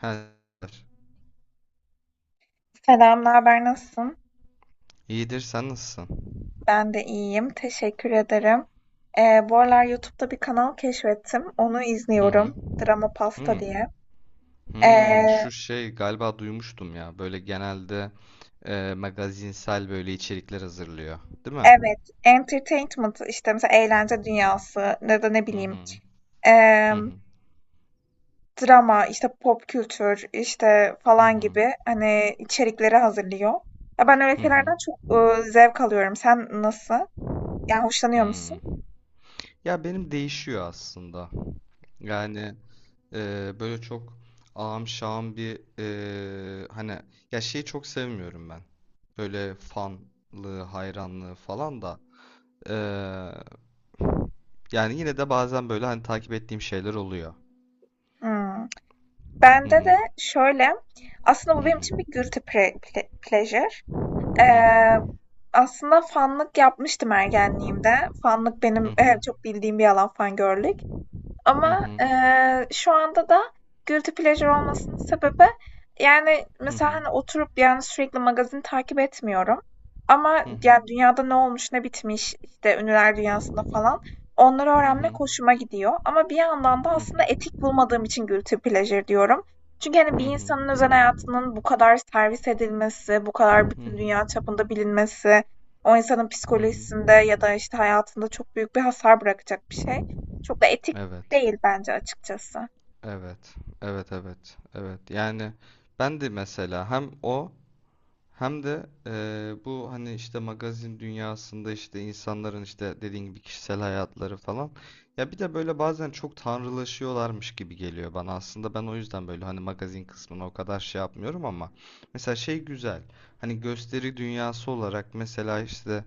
Her Selam, ne haber, nasılsın? iyidir, sen nasılsın? Ben de iyiyim, teşekkür ederim. Bu aralar YouTube'da bir kanal keşfettim, onu Hı hı. izliyorum. Drama Pasta Hmm. diye. Ee, Hmm, şu şey galiba duymuştum ya. Böyle genelde magazinsel böyle içerikler hazırlıyor, değil mi? evet, entertainment işte mesela eğlence dünyası ya da ne Hı bileyim hı. ee, Hı hı. drama işte pop kültür işte Hı falan hı. gibi hani içerikleri hazırlıyor. Ya ben öyle Hı hı. şeylerden çok zevk alıyorum. Sen nasıl? Yani hoşlanıyor Hmm. musun? Ya benim değişiyor aslında. Yani böyle çok ağam şağam bir hani ya şeyi çok sevmiyorum ben. Böyle fanlığı, hayranlığı falan da. E, Yani yine de bazen böyle hani takip ettiğim şeyler oluyor. Hmm. Hı Bende hı. de şöyle, aslında Hı bu benim için hı. bir guilty pleasure. Hı Eee, hı. aslında fanlık yapmıştım ergenliğimde. Fanlık Hı benim hı. Çok bildiğim bir alan fangirllik. Hı Ama, hı. Şu anda da guilty pleasure olmasının sebebi, yani, Hı mesela, hı. hani, oturup, yani, sürekli magazin takip etmiyorum ama, Hı hı. yani, dünyada ne olmuş, ne bitmiş, işte, ünlüler dünyasında falan, onları Hı öğrenmek hı. hoşuma gidiyor ama bir yandan da Hı aslında hı. etik bulmadığım için guilty pleasure diyorum. Çünkü, Hı hani, bir insanın hı. özel hayatının bu kadar servis edilmesi, bu Hı kadar bütün dünya hı. çapında bilinmesi, o insanın Hı psikolojisinde hı. ya da, işte, hayatında çok büyük bir hasar bırakacak bir şey. Çok da etik Evet. değil bence açıkçası. Evet. Evet, evet. Evet. Yani ben de mesela hem o hem de bu hani işte magazin dünyasında işte insanların işte dediğin gibi kişisel hayatları falan. Ya bir de böyle bazen çok tanrılaşıyorlarmış gibi geliyor bana. Aslında ben o yüzden böyle hani magazin kısmına o kadar şey yapmıyorum ama mesela şey güzel. Hani gösteri dünyası olarak mesela işte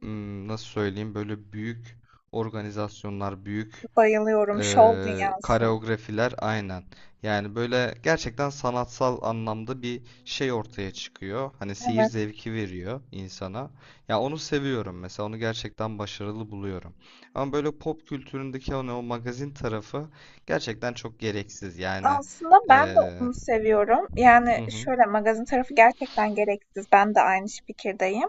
nasıl söyleyeyim böyle büyük organizasyonlar, büyük Bayılıyorum şov dünyasına. koreografiler aynen. Yani böyle gerçekten sanatsal anlamda bir şey ortaya çıkıyor. Hani seyir Evet. zevki veriyor insana. Ya onu seviyorum mesela. Onu gerçekten başarılı buluyorum. Ama böyle pop kültüründeki hani o magazin tarafı gerçekten çok gereksiz. Yani Aslında ben de ee, onu seviyorum. Yani hı hı şöyle magazin tarafı gerçekten gereksiz. Ben de aynı fikirdeyim.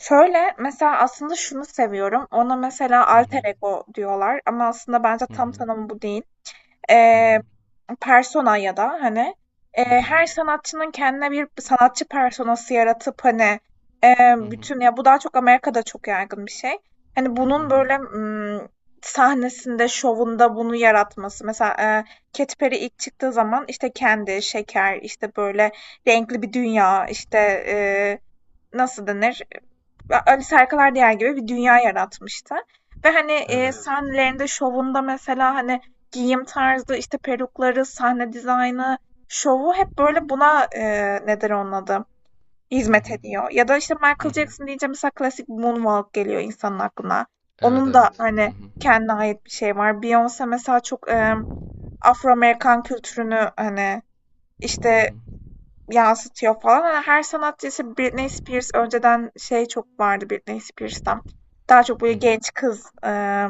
Şöyle mesela aslında şunu seviyorum. Ona mesela hı alter hı ego diyorlar ama aslında bence hı tam hı tanımı bu değil. hı eee, hı persona ya da hani hı hı her sanatçının kendine bir sanatçı personası yaratıp hani hı hı bütün ya bu daha çok Amerika'da çok yaygın bir şey. Hani hı bunun hı. böyle sahnesinde, şovunda bunu yaratması. Mesela Katy Perry ilk çıktığı zaman işte kendi, şeker, işte böyle renkli bir dünya, işte eee, nasıl denir? Alice Harikalar Diyar gibi bir dünya yaratmıştı. Ve hani Evet. sahnelerinde, şovunda mesela hani giyim tarzı, işte, perukları, sahne dizaynı, şovu hep böyle buna, nedir onun adı, Hı hizmet hı ediyor. Ya da, işte, hı Michael hı. Jackson deyince mesela klasik Moonwalk geliyor insanın aklına. Evet, Onun da, evet. Hı hani, hı kendine ait bir şey var. Beyoncé mesela çok, Afro Amerikan kültürünü, hani, hı hı işte, yansıtıyor falan. Hani, her sanatçı, işte, Britney Spears önceden şey çok vardı Britney Spears'tan. Daha çok hı böyle hı. genç kız,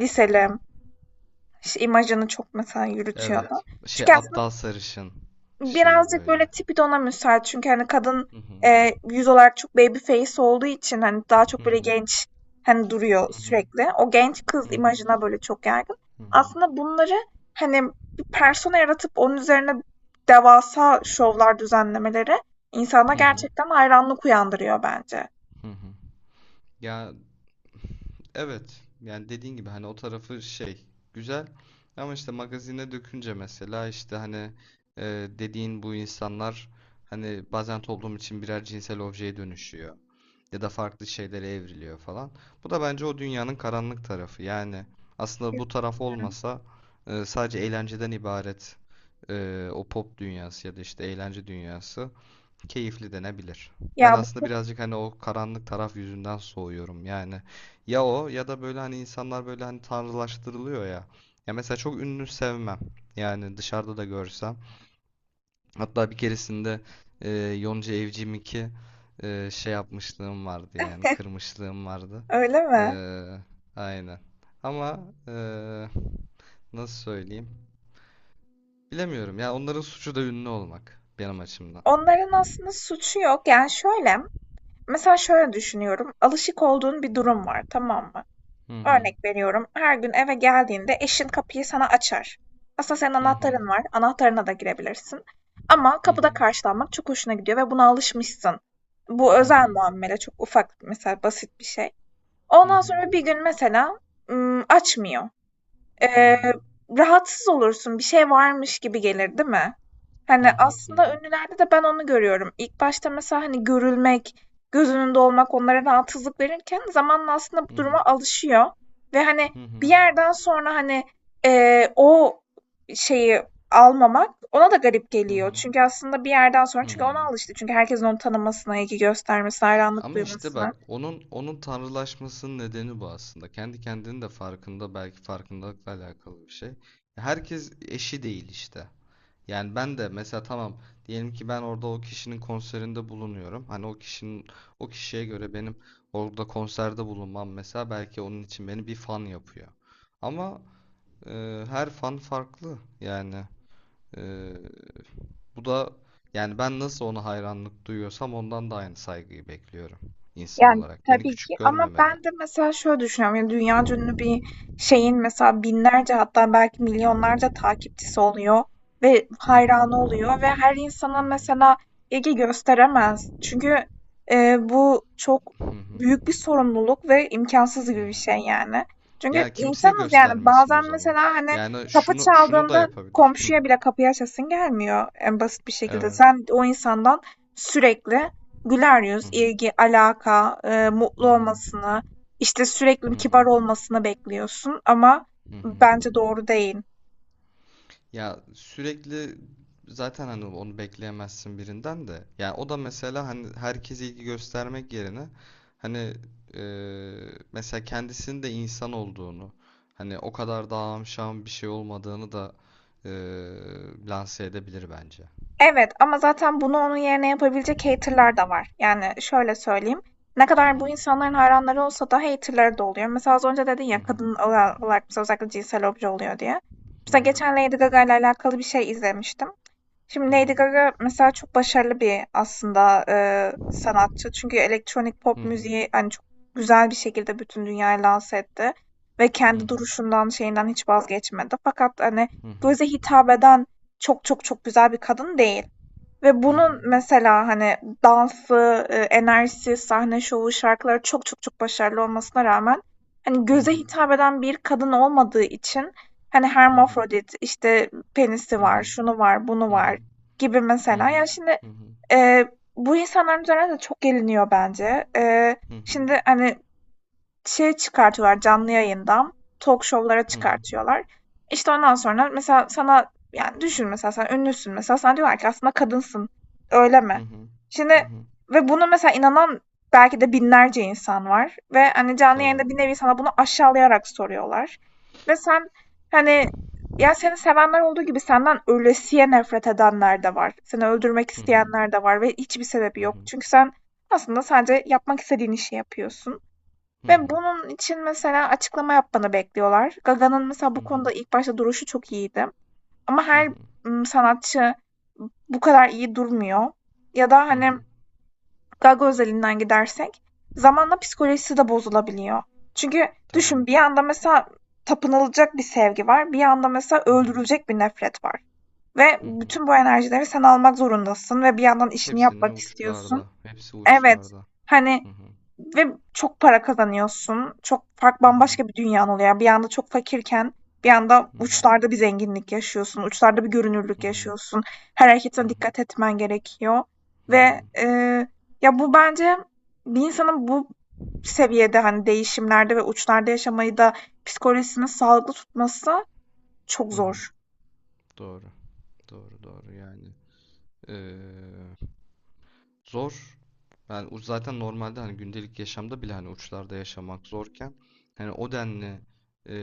liseli işte imajını çok mesela yürütüyordu. Evet. Şey Çünkü aslında aptal sarışın şeyi birazcık böyle. böyle tipi de ona müsait. Çünkü hani kadın Hı hı. Yüz olarak çok baby face olduğu için hani daha Hı çok böyle hı. genç hani duruyor Hı hı. sürekli. O genç kız Hı hı. imajına böyle çok yaygın. Hı hı. Aslında bunları hani bir persona yaratıp onun üzerine devasa şovlar düzenlemeleri insana Hı hı. gerçekten hayranlık uyandırıyor bence. Hı hı. Ya evet. Yani dediğin gibi hani o tarafı şey güzel ama işte magazine dökünce mesela işte hani e, dediğin bu insanlar hani bazen toplum için birer cinsel objeye dönüşüyor. Ya da farklı şeylere evriliyor falan. Bu da bence o dünyanın karanlık tarafı. Yani aslında bu taraf olmasa sadece eğlenceden ibaret o pop dünyası ya da işte eğlence dünyası keyifli denebilir. Ben Ya aslında birazcık hani o karanlık taraf yüzünden soğuyorum. Yani ya o ya da böyle hani insanlar böyle hani tanrılaştırılıyor ya. Ya mesela çok ünlü sevmem. Yani dışarıda da görsem. Hatta bir keresinde e, Yonca Evcimik'i şey yapmışlığım vardı yani kırmışlığım vardı. öyle E, mi? aynen. Ama e, nasıl söyleyeyim? Bilemiyorum ya onların suçu da ünlü olmak benim açımdan. Onların aslında suçu yok. Yani şöyle, mesela şöyle düşünüyorum. Alışık olduğun bir durum var, tamam mı? Hı hı. Örnek veriyorum, her gün eve geldiğinde eşin kapıyı sana açar. Aslında senin Hı hı. anahtarın var, anahtarına da girebilirsin. Ama Hı kapıda hı. karşılanmak çok hoşuna gidiyor ve buna alışmışsın. Bu Hı özel hı. muamele, çok ufak, mesela basit bir şey. Hı Ondan hı. sonra bir gün mesela açmıyor. Hı hı. Eee, rahatsız olursun, bir şey varmış gibi gelir, değil mi? Hani, Hı hı. aslında ünlülerde de ben onu görüyorum. İlk başta mesela, hani, görülmek, göz önünde olmak onlara rahatsızlık verirken zamanla aslında bu Hı hı. Hı hı. duruma alışıyor ve, hani, Hı bir hı. yerden sonra, hani, o şeyi almamak ona da garip Hı geliyor. hı. Çünkü aslında bir yerden sonra Hı. çünkü ona alıştı. Çünkü herkesin onu tanımasına, ilgi göstermesine, hayranlık Ama işte bak duymasına. onun tanrılaşmasının nedeni bu aslında. Kendi kendinin de farkında, belki farkındalıkla alakalı bir şey. Herkes eşi değil işte. Yani ben de mesela, tamam, diyelim ki ben orada o kişinin konserinde bulunuyorum. Hani o kişinin, o kişiye göre benim orada konserde bulunmam mesela belki onun için beni bir fan yapıyor. Ama her fan farklı yani. E, Bu da, yani ben nasıl ona hayranlık duyuyorsam ondan da aynı saygıyı bekliyorum insan Yani olarak. Beni tabii ki küçük ama görmemeli. ben de mesela şöyle düşünüyorum. Yani dünya ünlü bir şeyin mesela binlerce hatta belki milyonlarca takipçisi oluyor ve Hı hayranı hı, oluyor ve her hı insana hı, mesela ilgi gösteremez. Çünkü bu çok hı hı, büyük bir sorumluluk ve imkansız hı gibi bir şey hı. yani. Çünkü Ya kimseye insanız yani göstermesin o bazen zaman. mesela hani Yani kapı şunu şunu da çaldığında yapabilir. Hı, komşuya bile kapıyı açasın gelmiyor en basit bir şekilde. evet. Sen o insandan sürekli güler Hı yüz, hı, ilgi, alaka, hı mutlu hı, olmasını, işte, hı sürekli kibar hı, olmasını bekliyorsun ama hı hı. bence doğru değil. Ya sürekli zaten hani onu bekleyemezsin birinden de. Yani o da mesela hani herkese ilgi göstermek yerine hani mesela kendisinin de insan olduğunu, hani o kadar da amşan bir şey olmadığını da lanse edebilir bence. Evet ama zaten bunu onun yerine yapabilecek hater'lar da var. Yani şöyle söyleyeyim, ne kadar bu insanların hayranları olsa da hater'ları da oluyor. Mesela az önce dedin ya, kadın olarak mesela özellikle cinsel obje oluyor diye. Hı Mesela geçen Lady Gaga ile alakalı bir şey izlemiştim. Şimdi Lady Gaga mesela çok başarılı bir aslında sanatçı. Çünkü elektronik pop hı müziği hani çok güzel bir şekilde bütün dünyayı lanse etti. Ve hı kendi hı duruşundan şeyinden hiç vazgeçmedi. Fakat hani hı hı göze hitap eden çok çok çok güzel bir kadın değil. Ve hı bunun mesela, hani, dansı, enerjisi, sahne şovu, şarkıları çok çok çok başarılı olmasına rağmen, hani, hı göze hı hitap eden bir kadın olmadığı için, hani, hı hermafrodit, işte, penisi hı hı var, hı şunu var, bunu hı hı var gibi hı hı hı mesela. Ya, şimdi, eee, bu insanların üzerine de çok geliniyor bence. Eee, hı hı hı hı şimdi, hani, şey çıkartıyorlar canlı yayından. Talk show'lara hı hı hı çıkartıyorlar. İşte ondan sonra mesela sana yani düşün mesela sen ünlüsün mesela sana diyorlar ki aslında kadınsın. Öyle mi? hı hı Şimdi hı. ve bunu mesela inanan belki de binlerce insan var ve hani canlı yayında bir Tabii. nevi sana bunu aşağılayarak soruyorlar. Ve sen hani ya seni sevenler olduğu gibi senden ölesiye nefret edenler de var. Seni öldürmek Hı hı. isteyenler de var ve hiçbir sebebi Hı yok. hı. Çünkü sen aslında sadece yapmak istediğin işi yapıyorsun. Hı Ve hı. bunun için mesela açıklama yapmanı bekliyorlar. Gaga'nın mesela Hı bu hı. konuda ilk başta duruşu çok iyiydi. Ama Hı her hı. Sanatçı bu kadar iyi durmuyor. Ya da Hı hı. hani Gaga özelinden gidersek zamanla psikolojisi de bozulabiliyor. Çünkü Tabii. düşün bir yanda mesela tapınılacak bir sevgi var. Bir yanda mesela Hı hı. öldürülecek bir nefret var. Ve Hı hı. bütün bu enerjileri sen almak zorundasın ve bir yandan işini Hepsini yapmak istiyorsun. uçlarda. Hepsi Evet. uçlarda. Hani Hı hı. ve çok para kazanıyorsun. Çok fark Hı hı. bambaşka bir dünyan oluyor. Yani bir anda çok fakirken bir anda Hı hı. uçlarda bir zenginlik yaşıyorsun. Uçlarda bir Hı görünürlük hı. yaşıyorsun. Her Hı hareketine hı. dikkat etmen gerekiyor Hı hı. ve, ya, bu bence bir insanın bu seviyede, hani, değişimlerde ve uçlarda yaşamayı da psikolojisini sağlıklı tutması çok Hı hı. zor. Doğru. Doğru, doğru. Yani zor. Yani zaten normalde hani gündelik yaşamda bile hani uçlarda yaşamak zorken hani o denli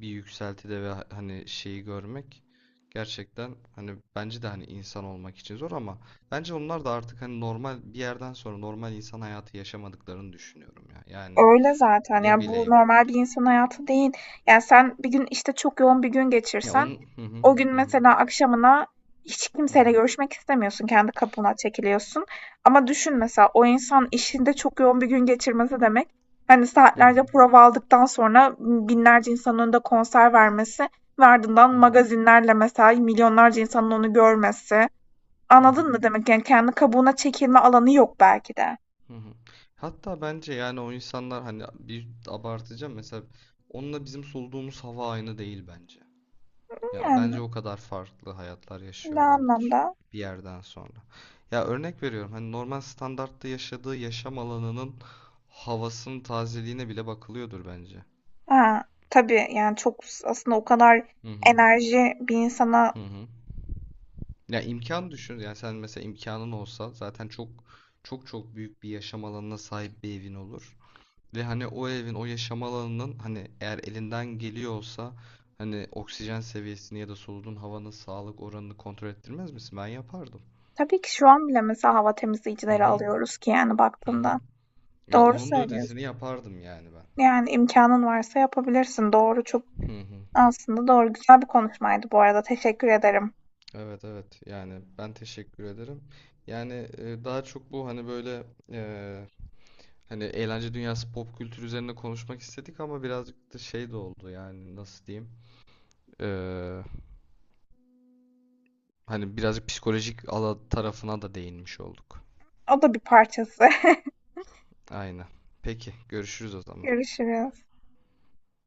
bir yükseltide ve hani şeyi görmek gerçekten hani bence de hani insan olmak için zor, ama bence onlar da artık hani normal bir yerden sonra normal insan hayatı yaşamadıklarını düşünüyorum ya. Yani Öyle zaten. ne Yani, bu bileyim. normal bir insan hayatı değil. Yani, sen bir gün, işte, çok yoğun bir gün Ya geçirsen, onun hı hı o gün hı mesela akşamına hiç hı hı kimseyle görüşmek istemiyorsun, kendi kapına çekiliyorsun. Ama düşün mesela o insan işinde çok yoğun bir gün geçirmesi demek, hani, hı saatlerce prova aldıktan sonra binlerce insanın önünde konser vermesi ve ardından hı hı magazinlerle mesela milyonlarca insanın onu görmesi. hı hı. Anladın mı demek? Yani, kendi kabuğuna çekilme alanı yok belki de. Hı hı. Hatta bence yani o insanlar hani, bir abartacağım mesela, onunla bizim soluduğumuz hava aynı değil bence. Ya Yani, bence o kadar farklı hayatlar ne yaşıyorlardır anlamda? bir yerden sonra. Ya örnek veriyorum, hani normal standartta yaşadığı yaşam alanının havasının tazeliğine bile bakılıyordur bence. Ha, tabii, yani, çok aslında o kadar Hı hı. enerji bir insana. Hı hı. Ya imkan düşün. Yani sen mesela, imkanın olsa zaten çok çok çok büyük bir yaşam alanına sahip bir evin olur. Ve hani o evin, o yaşam alanının, hani eğer elinden geliyorsa, hani oksijen seviyesini ya da soluduğun havanın sağlık oranını kontrol ettirmez misin? Ben yapardım. Tabii ki şu an bile mesela hava Hı temizleyicileri hı. alıyoruz ki, yani, Hı hı. baktığında. Ya Doğru onun da söylüyorsun. ötesini yapardım yani ben. Yani, imkanın varsa yapabilirsin. Doğru, çok Hı hı. aslında doğru. Güzel bir konuşmaydı bu arada. Teşekkür ederim. Evet, evet, yani ben teşekkür ederim. Yani daha çok bu hani böyle e, hani eğlence dünyası, pop kültür üzerine konuşmak istedik ama birazcık da şey de oldu, yani nasıl diyeyim. E, hani birazcık psikolojik ala tarafına da değinmiş olduk. O da bir parçası. Aynen. Peki, görüşürüz o zaman. Görüşürüz.